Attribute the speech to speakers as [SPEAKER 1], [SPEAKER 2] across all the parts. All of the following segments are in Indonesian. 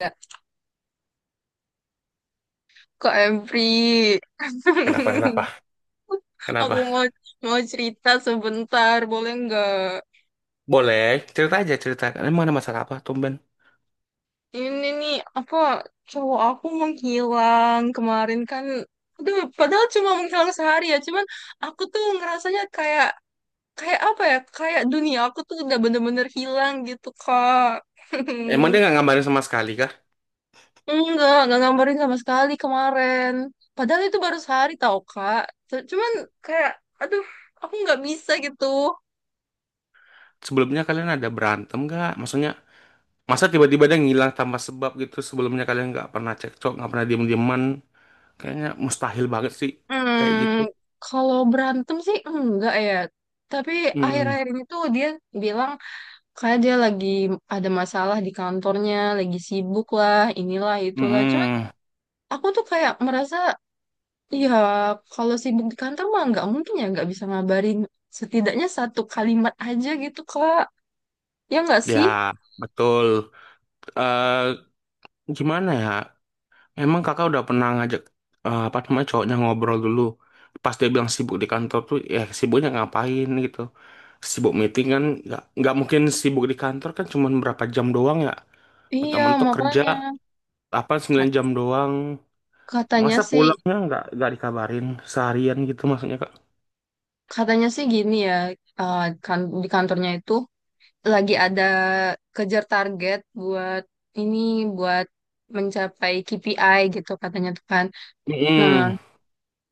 [SPEAKER 1] Ya, Kak Emri,
[SPEAKER 2] Kenapa, kenapa,
[SPEAKER 1] aku
[SPEAKER 2] kenapa?
[SPEAKER 1] mau mau cerita sebentar, boleh nggak?
[SPEAKER 2] Boleh, cerita aja cerita. Emang ada masalah apa, Tumben?
[SPEAKER 1] Ini nih apa cowok aku menghilang kemarin kan, aduh, padahal cuma menghilang sehari ya, cuman aku tuh ngerasanya kayak kayak apa ya, kayak dunia aku tuh udah bener-bener hilang gitu Kak.
[SPEAKER 2] Emang dia nggak ngabarin sama sekali kah?
[SPEAKER 1] Enggak ngabarin sama sekali kemarin. Padahal itu baru sehari tau Kak. Cuman kayak, aduh, aku nggak bisa gitu.
[SPEAKER 2] Sebelumnya kalian ada berantem nggak? Maksudnya, masa tiba-tiba dia ngilang tanpa sebab gitu? Sebelumnya kalian nggak pernah cekcok, nggak pernah diem-dieman? Kayaknya mustahil banget sih, kayak gitu.
[SPEAKER 1] Hmm, kalau berantem sih enggak ya. Tapi
[SPEAKER 2] Mm-mm.
[SPEAKER 1] akhir-akhir ini tuh dia bilang kayak dia lagi ada masalah di kantornya, lagi sibuk lah, inilah itulah. Cuman
[SPEAKER 2] Mm-mm.
[SPEAKER 1] aku tuh kayak merasa ya kalau sibuk di kantor mah nggak mungkin ya nggak bisa ngabarin setidaknya satu kalimat aja gitu Kak. Ya nggak
[SPEAKER 2] Ya,
[SPEAKER 1] sih?
[SPEAKER 2] betul. eh Gimana ya? Emang kakak udah pernah ngajak apa namanya cowoknya ngobrol dulu pas dia bilang sibuk di kantor tuh, ya sibuknya ngapain gitu? Sibuk meeting kan nggak mungkin sibuk di kantor kan cuman berapa jam doang ya,
[SPEAKER 1] Iya,
[SPEAKER 2] mentok-mentok kerja
[SPEAKER 1] makanya
[SPEAKER 2] 8 9
[SPEAKER 1] Kat-
[SPEAKER 2] jam doang.
[SPEAKER 1] katanya
[SPEAKER 2] Masa
[SPEAKER 1] sih
[SPEAKER 2] pulangnya nggak dikabarin seharian gitu, maksudnya kak?
[SPEAKER 1] gini ya eh, kan di kantornya itu lagi ada kejar target buat ini buat mencapai KPI gitu katanya tuh kan. Nah,
[SPEAKER 2] Mm.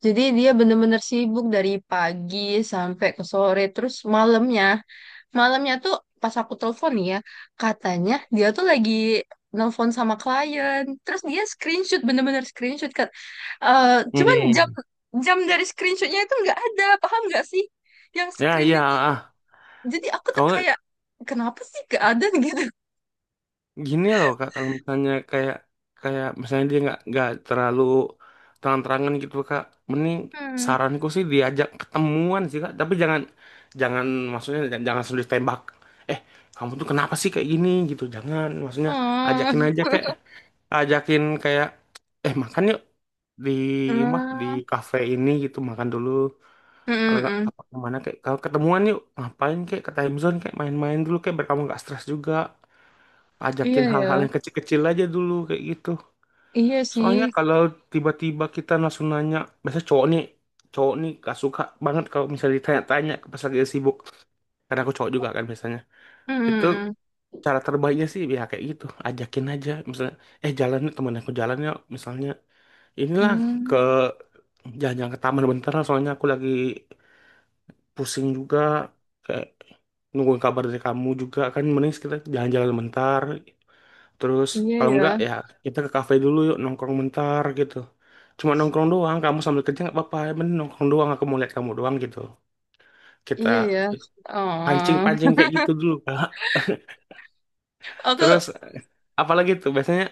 [SPEAKER 1] jadi dia bener-bener sibuk dari pagi sampai ke sore terus malamnya. Malamnya tuh pas aku telepon nih ya, katanya dia tuh lagi nelpon sama klien. Terus dia screenshot bener-bener screenshot kan. Eh, cuman jam jam dari screenshotnya itu nggak ada, paham nggak sih? Yang
[SPEAKER 2] Ya,
[SPEAKER 1] screen
[SPEAKER 2] iya. Ah. Ah.
[SPEAKER 1] jadi aku tuh
[SPEAKER 2] Kalau
[SPEAKER 1] kayak kenapa sih gak ada gitu.
[SPEAKER 2] gini loh kak, kalau misalnya kayak, kayak misalnya dia nggak terlalu terang-terangan gitu kak, mending
[SPEAKER 1] Hmm.
[SPEAKER 2] saranku sih diajak ketemuan sih kak, tapi jangan, jangan maksudnya jangan sulit tembak. eh Kamu tuh kenapa sih kayak gini gitu, jangan maksudnya
[SPEAKER 1] Oh.
[SPEAKER 2] ajakin aja kayak, ajakin kayak, eh makan yuk di mah, di
[SPEAKER 1] Hmm.
[SPEAKER 2] kafe ini gitu, makan dulu.
[SPEAKER 1] Hmm,
[SPEAKER 2] Kalau nggak
[SPEAKER 1] hmm.
[SPEAKER 2] apa kemana, kayak kalau ketemuan yuk ngapain, kayak ke time zone, kayak main-main dulu kayak biar kamu nggak stres juga.
[SPEAKER 1] Iya
[SPEAKER 2] Ajakin hal-hal
[SPEAKER 1] ya.
[SPEAKER 2] yang kecil-kecil aja dulu kayak gitu.
[SPEAKER 1] Iya
[SPEAKER 2] Soalnya
[SPEAKER 1] sih.
[SPEAKER 2] kalau tiba-tiba kita langsung nanya, biasanya cowok nih gak suka banget kalau misalnya ditanya-tanya ke pas lagi sibuk. Karena aku cowok juga kan biasanya.
[SPEAKER 1] Hmm. Hmm,
[SPEAKER 2] Itu
[SPEAKER 1] hmm.
[SPEAKER 2] cara terbaiknya sih ya kayak gitu, ajakin aja misalnya, eh jalan nih temen aku, jalan yuk misalnya. Inilah ke
[SPEAKER 1] Hmm.
[SPEAKER 2] jalan-jalan ke taman bentar lah, soalnya aku lagi pusing juga kayak nungguin kabar dari kamu juga kan, mending kita jalan-jalan bentar. Terus
[SPEAKER 1] Iya
[SPEAKER 2] kalau enggak
[SPEAKER 1] ya.
[SPEAKER 2] ya kita ke kafe dulu yuk nongkrong bentar gitu. Cuma nongkrong doang, kamu sambil kerja nggak apa-apa. Ya bener nongkrong doang, aku mau lihat kamu doang gitu.
[SPEAKER 1] Iya
[SPEAKER 2] Kita
[SPEAKER 1] ya. Oh.
[SPEAKER 2] pancing-pancing kayak gitu dulu, Kak.
[SPEAKER 1] Aku
[SPEAKER 2] Terus apalagi tuh biasanya,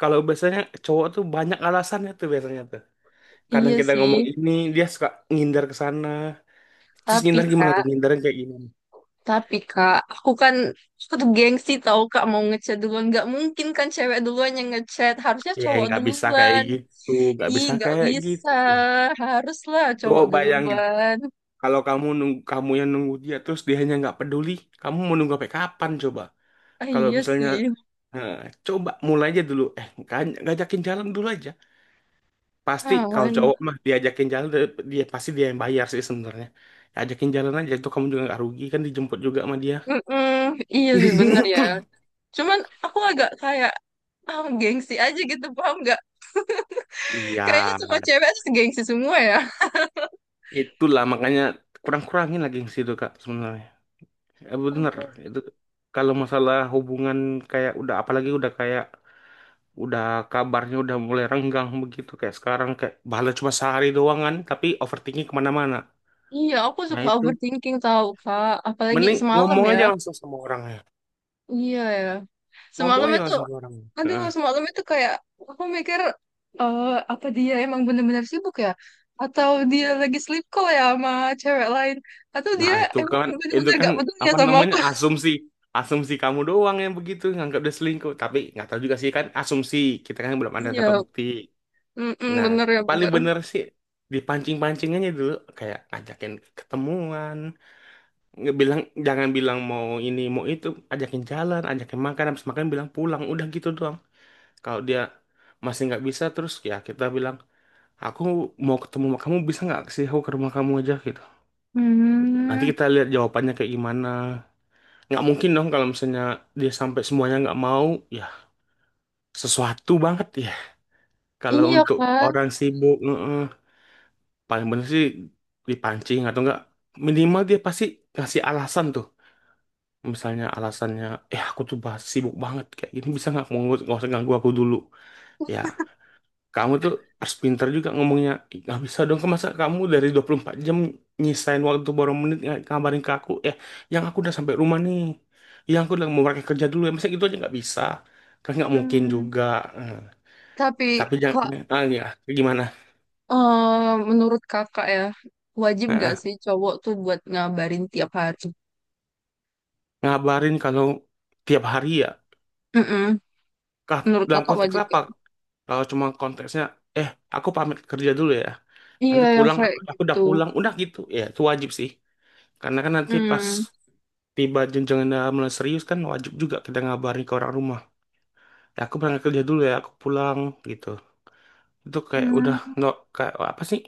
[SPEAKER 2] kalau biasanya cowok tuh banyak alasannya tuh biasanya tuh. Kadang
[SPEAKER 1] iya
[SPEAKER 2] kita
[SPEAKER 1] sih.
[SPEAKER 2] ngomong ini, dia suka ngindar ke sana. Terus
[SPEAKER 1] Tapi
[SPEAKER 2] ngindar gimana tuh?
[SPEAKER 1] Kak,
[SPEAKER 2] Ngindarnya kayak gini.
[SPEAKER 1] tapi Kak, aku kan aku tuh gengsi tau Kak mau ngechat duluan. Nggak mungkin kan cewek duluan yang ngechat. Harusnya
[SPEAKER 2] Ya
[SPEAKER 1] cowok
[SPEAKER 2] nggak bisa kayak
[SPEAKER 1] duluan.
[SPEAKER 2] gitu, nggak
[SPEAKER 1] Ih,
[SPEAKER 2] bisa
[SPEAKER 1] nggak
[SPEAKER 2] kayak
[SPEAKER 1] bisa.
[SPEAKER 2] gitu.
[SPEAKER 1] Haruslah
[SPEAKER 2] Coba
[SPEAKER 1] cowok
[SPEAKER 2] bayangin.
[SPEAKER 1] duluan.
[SPEAKER 2] Kalau kamu nunggu, kamu yang nunggu dia terus dia hanya nggak peduli, kamu mau nunggu sampai kapan coba?
[SPEAKER 1] Ah,
[SPEAKER 2] Kalau
[SPEAKER 1] iya
[SPEAKER 2] misalnya
[SPEAKER 1] sih.
[SPEAKER 2] eh, coba mulai aja dulu, eh ngajakin jalan dulu aja. Pasti
[SPEAKER 1] Ah,
[SPEAKER 2] kalau cowok mah diajakin jalan dia, pasti dia yang bayar sih sebenarnya. Ajakin jalan aja, itu kamu juga nggak rugi kan, dijemput juga sama dia.
[SPEAKER 1] mm-mm. Iya sih bener ya. Cuman aku agak kayak ah, gengsi aja gitu, paham nggak?
[SPEAKER 2] Iya,
[SPEAKER 1] Kayaknya semua cewek itu gengsi semua ya.
[SPEAKER 2] itulah makanya kurang-kurangin lagi yang situ Kak sebenarnya. Eh, bener
[SPEAKER 1] Aku,
[SPEAKER 2] itu. Kalau masalah hubungan kayak udah, apalagi udah kayak udah kabarnya udah mulai renggang begitu kayak sekarang, kayak bahala cuma sehari doang kan, tapi overthinking kemana-mana.
[SPEAKER 1] iya, aku
[SPEAKER 2] Nah
[SPEAKER 1] suka
[SPEAKER 2] itu,
[SPEAKER 1] overthinking tahu Kak. Apalagi
[SPEAKER 2] mending
[SPEAKER 1] semalam
[SPEAKER 2] ngomong
[SPEAKER 1] ya.
[SPEAKER 2] aja langsung sama orangnya,
[SPEAKER 1] Iya ya.
[SPEAKER 2] ngomong
[SPEAKER 1] Semalam
[SPEAKER 2] aja
[SPEAKER 1] itu,
[SPEAKER 2] langsung ke orangnya.
[SPEAKER 1] aduh
[SPEAKER 2] Nah,
[SPEAKER 1] semalam itu kayak aku mikir apa dia emang bener-bener sibuk ya? Atau dia lagi sleep call ya sama cewek lain? Atau
[SPEAKER 2] nah
[SPEAKER 1] dia
[SPEAKER 2] itu
[SPEAKER 1] emang
[SPEAKER 2] kan, itu
[SPEAKER 1] bener-bener
[SPEAKER 2] kan
[SPEAKER 1] gak peduli ya
[SPEAKER 2] apa
[SPEAKER 1] sama
[SPEAKER 2] namanya
[SPEAKER 1] aku?
[SPEAKER 2] asumsi, asumsi kamu doang yang begitu nganggap dia selingkuh, tapi nggak tahu juga sih kan asumsi, kita kan belum ada dapat
[SPEAKER 1] Iya,
[SPEAKER 2] bukti.
[SPEAKER 1] mm
[SPEAKER 2] Nah,
[SPEAKER 1] bener ya
[SPEAKER 2] paling
[SPEAKER 1] bener.
[SPEAKER 2] bener sih dipancing-pancingannya dulu, kayak ngajakin ketemuan, nggak bilang, jangan bilang mau ini mau itu. Ajakin jalan, ajakin makan, habis makan bilang pulang, udah gitu doang. Kalau dia masih nggak bisa terus, ya kita bilang aku mau ketemu sama kamu, bisa nggak sih aku ke rumah kamu aja gitu. Nanti
[SPEAKER 1] Hmm,
[SPEAKER 2] kita lihat jawabannya kayak gimana. Nggak mungkin dong kalau misalnya dia sampai semuanya nggak mau, ya sesuatu banget ya kalau
[SPEAKER 1] iya
[SPEAKER 2] untuk
[SPEAKER 1] kan?
[SPEAKER 2] orang sibuk. Paling bener sih dipancing atau enggak, minimal dia pasti ngasih alasan tuh. Misalnya alasannya, aku tuh sibuk banget kayak gini, bisa nggak mau nggak usah ganggu aku dulu. Ya, kamu tuh harus pinter juga ngomongnya, "Ih, nggak bisa dong, masa kamu dari 24 jam nyisain waktu borong menit nggak kabarin ke aku, eh, yang aku udah sampai rumah nih, yang aku udah mau berangkat kerja dulu ya, masa gitu aja nggak bisa." Kan nggak mungkin
[SPEAKER 1] Hmm.
[SPEAKER 2] juga. Eh,
[SPEAKER 1] Tapi
[SPEAKER 2] tapi jangan,
[SPEAKER 1] kok
[SPEAKER 2] ah, ya, gimana.
[SPEAKER 1] menurut kakak ya wajib
[SPEAKER 2] Eh,
[SPEAKER 1] nggak
[SPEAKER 2] eh,
[SPEAKER 1] sih cowok tuh buat ngabarin tiap hari?
[SPEAKER 2] Ngabarin kalau tiap hari ya,
[SPEAKER 1] Mm-mm.
[SPEAKER 2] Kah,
[SPEAKER 1] Menurut
[SPEAKER 2] dalam
[SPEAKER 1] kakak
[SPEAKER 2] konteks
[SPEAKER 1] wajib
[SPEAKER 2] apa?
[SPEAKER 1] gak?
[SPEAKER 2] Kalau cuma konteksnya, eh aku pamit kerja dulu ya,
[SPEAKER 1] Iya
[SPEAKER 2] nanti
[SPEAKER 1] yang
[SPEAKER 2] pulang
[SPEAKER 1] kayak
[SPEAKER 2] aku
[SPEAKER 1] gitu.
[SPEAKER 2] udah pulang, udah gitu ya, itu wajib sih. Karena kan nanti pas
[SPEAKER 1] Hmm.
[SPEAKER 2] tiba jenjang yang udah mulai serius, kan wajib juga kita ngabarin ke orang rumah, ya aku berangkat kerja dulu ya, aku pulang, gitu. Itu kayak udah
[SPEAKER 1] Hmm.
[SPEAKER 2] nggak kayak apa sih,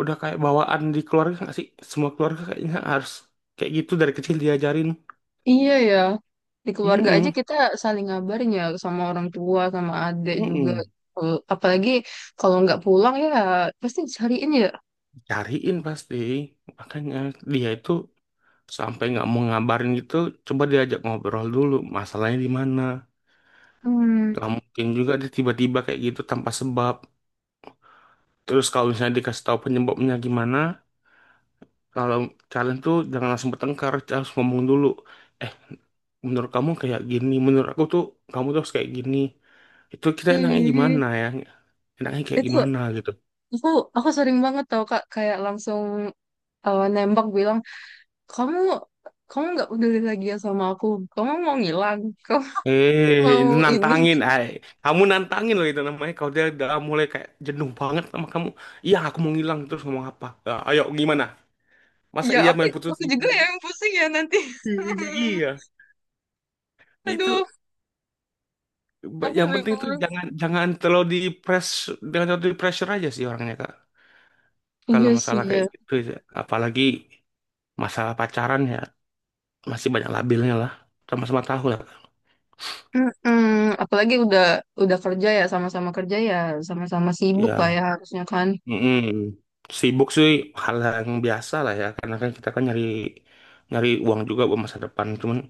[SPEAKER 2] udah kayak bawaan di keluarga nggak sih, semua keluarga kayaknya harus kayak gitu, dari kecil diajarin.
[SPEAKER 1] Iya ya. Di keluarga aja
[SPEAKER 2] Mm-mm,
[SPEAKER 1] kita saling ngabarin ya sama orang tua sama adik juga.
[SPEAKER 2] mm-mm.
[SPEAKER 1] Apalagi kalau nggak pulang ya pasti dicariin ya.
[SPEAKER 2] Cariin pasti, makanya dia itu sampai nggak mau ngabarin gitu, coba diajak ngobrol dulu masalahnya di mana.
[SPEAKER 1] Hmm.
[SPEAKER 2] Gak mungkin juga dia tiba-tiba kayak gitu tanpa sebab. Terus kalau misalnya dikasih tahu penyebabnya gimana, kalau kalian tuh jangan langsung bertengkar, harus ngomong dulu. Eh, menurut kamu kayak gini, menurut aku tuh kamu tuh harus kayak gini. Itu kita enaknya
[SPEAKER 1] Ih,
[SPEAKER 2] gimana ya? Enaknya kayak
[SPEAKER 1] itu
[SPEAKER 2] gimana gitu.
[SPEAKER 1] aku aku sering banget tau Kak kayak langsung nembak bilang kamu kamu nggak peduli lagi ya sama aku kamu mau ngilang kamu
[SPEAKER 2] Eh,
[SPEAKER 1] mau
[SPEAKER 2] ini
[SPEAKER 1] ini
[SPEAKER 2] nantangin, ay. Kamu nantangin loh itu namanya. Kalau dia udah mulai kayak jenuh banget sama kamu, iya aku mau ngilang terus ngomong apa? Ah, ayo gimana? Masa
[SPEAKER 1] ya
[SPEAKER 2] iya
[SPEAKER 1] aku
[SPEAKER 2] main putus
[SPEAKER 1] aku
[SPEAKER 2] gitu
[SPEAKER 1] juga ya
[SPEAKER 2] aja?
[SPEAKER 1] yang pusing ya nanti
[SPEAKER 2] Iya, itu
[SPEAKER 1] aduh aku
[SPEAKER 2] Yang penting
[SPEAKER 1] bingung
[SPEAKER 2] tuh jangan, jangan terlalu di press jangan terlalu di pressure aja sih orangnya Kak.
[SPEAKER 1] iya
[SPEAKER 2] Kalau
[SPEAKER 1] sih
[SPEAKER 2] masalah
[SPEAKER 1] ya.
[SPEAKER 2] kayak gitu ya. Apalagi masalah pacaran ya, masih banyak labilnya lah. Sama-sama tahu lah, Kak.
[SPEAKER 1] Mm-mm. Apalagi udah kerja ya sama-sama sibuk lah
[SPEAKER 2] Ya.
[SPEAKER 1] ya harusnya kan
[SPEAKER 2] Mm-mm. Sibuk sih hal yang biasa lah ya, karena kan kita kan nyari nyari uang juga buat masa depan. Cuman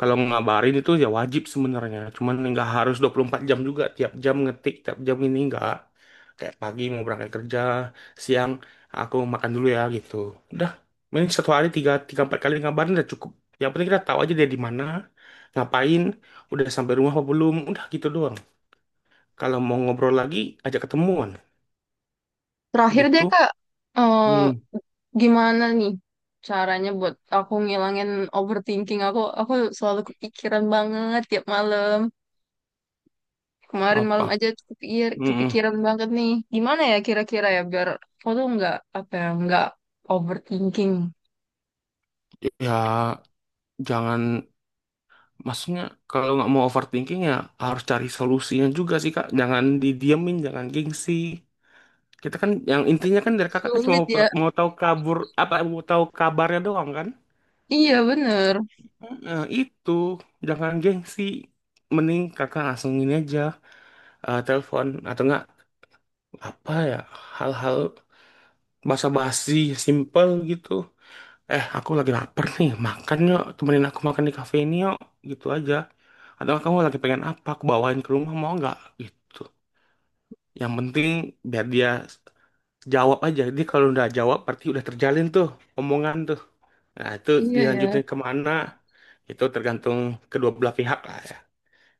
[SPEAKER 2] kalau ngabarin itu ya wajib sebenarnya. Cuman nggak harus 24 jam juga. Tiap jam ngetik, tiap jam ini nggak. Kayak pagi mau berangkat kerja, siang aku makan dulu ya gitu. Udah, mending satu hari tiga, tiga empat kali ngabarin udah cukup. Yang penting kita tahu aja dia di mana, ngapain, udah sampai rumah apa belum. Udah gitu doang. Kalau mau ngobrol lagi, ajak ketemuan.
[SPEAKER 1] terakhir deh
[SPEAKER 2] Gitu.
[SPEAKER 1] kak eh
[SPEAKER 2] Hmm,
[SPEAKER 1] gimana nih caranya buat aku ngilangin overthinking aku selalu kepikiran banget tiap malam. Kemarin malam
[SPEAKER 2] apa?
[SPEAKER 1] aja tuh kepikir,
[SPEAKER 2] Mm-mm.
[SPEAKER 1] kepikiran banget nih. Gimana ya kira-kira ya biar aku tuh nggak apa ya nggak overthinking.
[SPEAKER 2] Ya, jangan, maksudnya kalau nggak mau overthinking ya harus cari solusinya juga sih kak. Jangan didiemin, jangan gengsi. Kita kan yang intinya kan dari kakak kan cuma
[SPEAKER 1] Sulit
[SPEAKER 2] mau,
[SPEAKER 1] ya.
[SPEAKER 2] mau tahu kabur apa mau tahu kabarnya doang kan?
[SPEAKER 1] Iya bener.
[SPEAKER 2] Nah, itu jangan gengsi. Mending kakak langsung ini aja, eh telepon atau enggak, apa ya, hal-hal basa-basi simple gitu. Eh aku lagi lapar nih, makan yuk, temenin aku makan di kafe ini yuk, gitu aja. Atau kamu lagi pengen apa, aku bawain ke rumah mau nggak? Gitu. Yang penting biar dia jawab aja. Dia kalau udah jawab berarti udah terjalin tuh omongan tuh. Nah itu
[SPEAKER 1] Iya ya.
[SPEAKER 2] dilanjutin kemana, itu tergantung kedua belah pihak lah ya.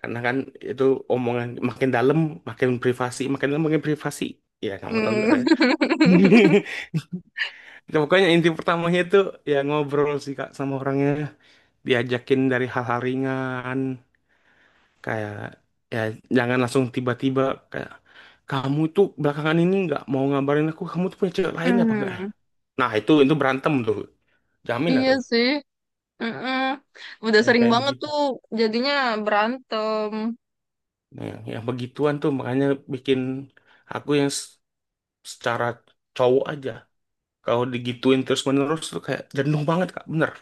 [SPEAKER 2] Karena kan itu omongan makin dalam makin privasi, makin dalam makin privasi. Ya nggak mau tahu juga
[SPEAKER 1] Hmm.
[SPEAKER 2] saya. Nah, pokoknya inti pertamanya itu ya ngobrol sih Kak sama orangnya. Diajakin dari hal-hal ringan. Kayak ya jangan langsung tiba-tiba kayak, kamu tuh belakangan ini nggak mau ngabarin aku, kamu tuh punya cewek lain apa enggak ya?
[SPEAKER 1] Hmm.
[SPEAKER 2] Nah itu berantem tuh, jamin
[SPEAKER 1] Iya
[SPEAKER 2] aku.
[SPEAKER 1] sih. Mm-mm. Udah
[SPEAKER 2] Yang
[SPEAKER 1] sering
[SPEAKER 2] kayak
[SPEAKER 1] banget
[SPEAKER 2] begitu.
[SPEAKER 1] tuh jadinya berantem.
[SPEAKER 2] Nah, yang begituan tuh makanya bikin aku yang secara cowok aja. Kalau digituin terus-menerus tuh kayak jenuh banget Kak, bener.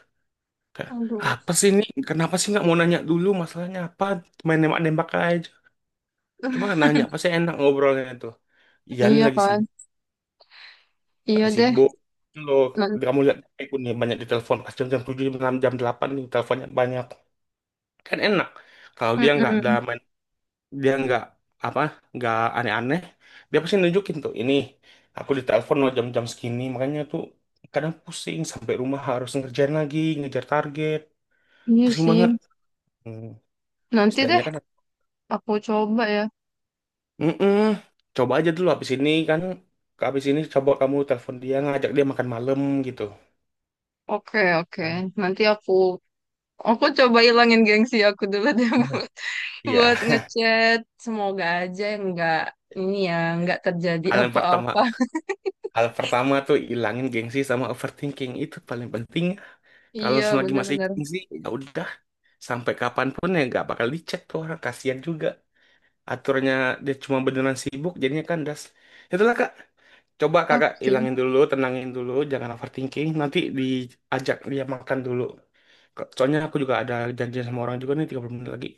[SPEAKER 2] Kayak
[SPEAKER 1] Aduh.
[SPEAKER 2] apa sih ini? Kenapa sih nggak mau nanya dulu masalahnya apa? Main nembak-nembak aja. Cuma nanya pasti enak ngobrolnya tuh. Iya nih
[SPEAKER 1] Iya
[SPEAKER 2] lagi sih.
[SPEAKER 1] kan?
[SPEAKER 2] Lagi
[SPEAKER 1] Iya deh.
[SPEAKER 2] sibuk. Lo,
[SPEAKER 1] Nanti.
[SPEAKER 2] kamu lihat aku nih banyak ditelepon pas jam-jam 7, jam 6, jam 8 nih teleponnya banyak. Kan enak. Kalau dia nggak ada main, dia nggak apa, nggak aneh-aneh, dia pasti nunjukin tuh, ini aku ditelepon lo jam-jam segini. Makanya tuh kadang pusing sampai rumah harus ngerjain lagi, ngejar target.
[SPEAKER 1] Iya
[SPEAKER 2] Pusing
[SPEAKER 1] sih.
[SPEAKER 2] banget. Hmm,
[SPEAKER 1] Nanti
[SPEAKER 2] setidaknya
[SPEAKER 1] deh
[SPEAKER 2] kan.
[SPEAKER 1] aku coba ya.
[SPEAKER 2] Mm-mm. Coba aja dulu habis ini kan, habis ini coba kamu telepon dia ngajak dia makan malam, gitu.
[SPEAKER 1] Oke, oke.
[SPEAKER 2] Kan,
[SPEAKER 1] Nanti aku coba ilangin gengsi aku dulu deh
[SPEAKER 2] iya.
[SPEAKER 1] buat,
[SPEAKER 2] Iya.
[SPEAKER 1] buat ngechat. Semoga aja nggak ini ya nggak terjadi
[SPEAKER 2] Hal yang pertama
[SPEAKER 1] apa-apa.
[SPEAKER 2] Hal pertama tuh ilangin gengsi sama overthinking itu paling penting. Kalau
[SPEAKER 1] Iya
[SPEAKER 2] selagi masih
[SPEAKER 1] bener-bener.
[SPEAKER 2] gengsi, ya udah sampai kapanpun ya nggak bakal dicek tuh orang, kasihan juga. Aturnya dia cuma beneran sibuk jadinya kandas. Itulah kak, coba kakak
[SPEAKER 1] Oke.
[SPEAKER 2] ilangin dulu, tenangin dulu, jangan overthinking. Nanti diajak dia makan dulu. Soalnya aku juga ada janjian sama orang juga nih 30 menit lagi.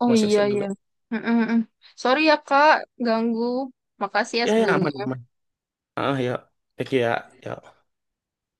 [SPEAKER 1] Oh
[SPEAKER 2] Mau
[SPEAKER 1] iya
[SPEAKER 2] siap-siap
[SPEAKER 1] iya.
[SPEAKER 2] juga.
[SPEAKER 1] Mm, mm, mm. Sorry ya Kak, ganggu. Makasih ya
[SPEAKER 2] Ya ya aman
[SPEAKER 1] sebelumnya.
[SPEAKER 2] aman. Ah ya, oke ya ya.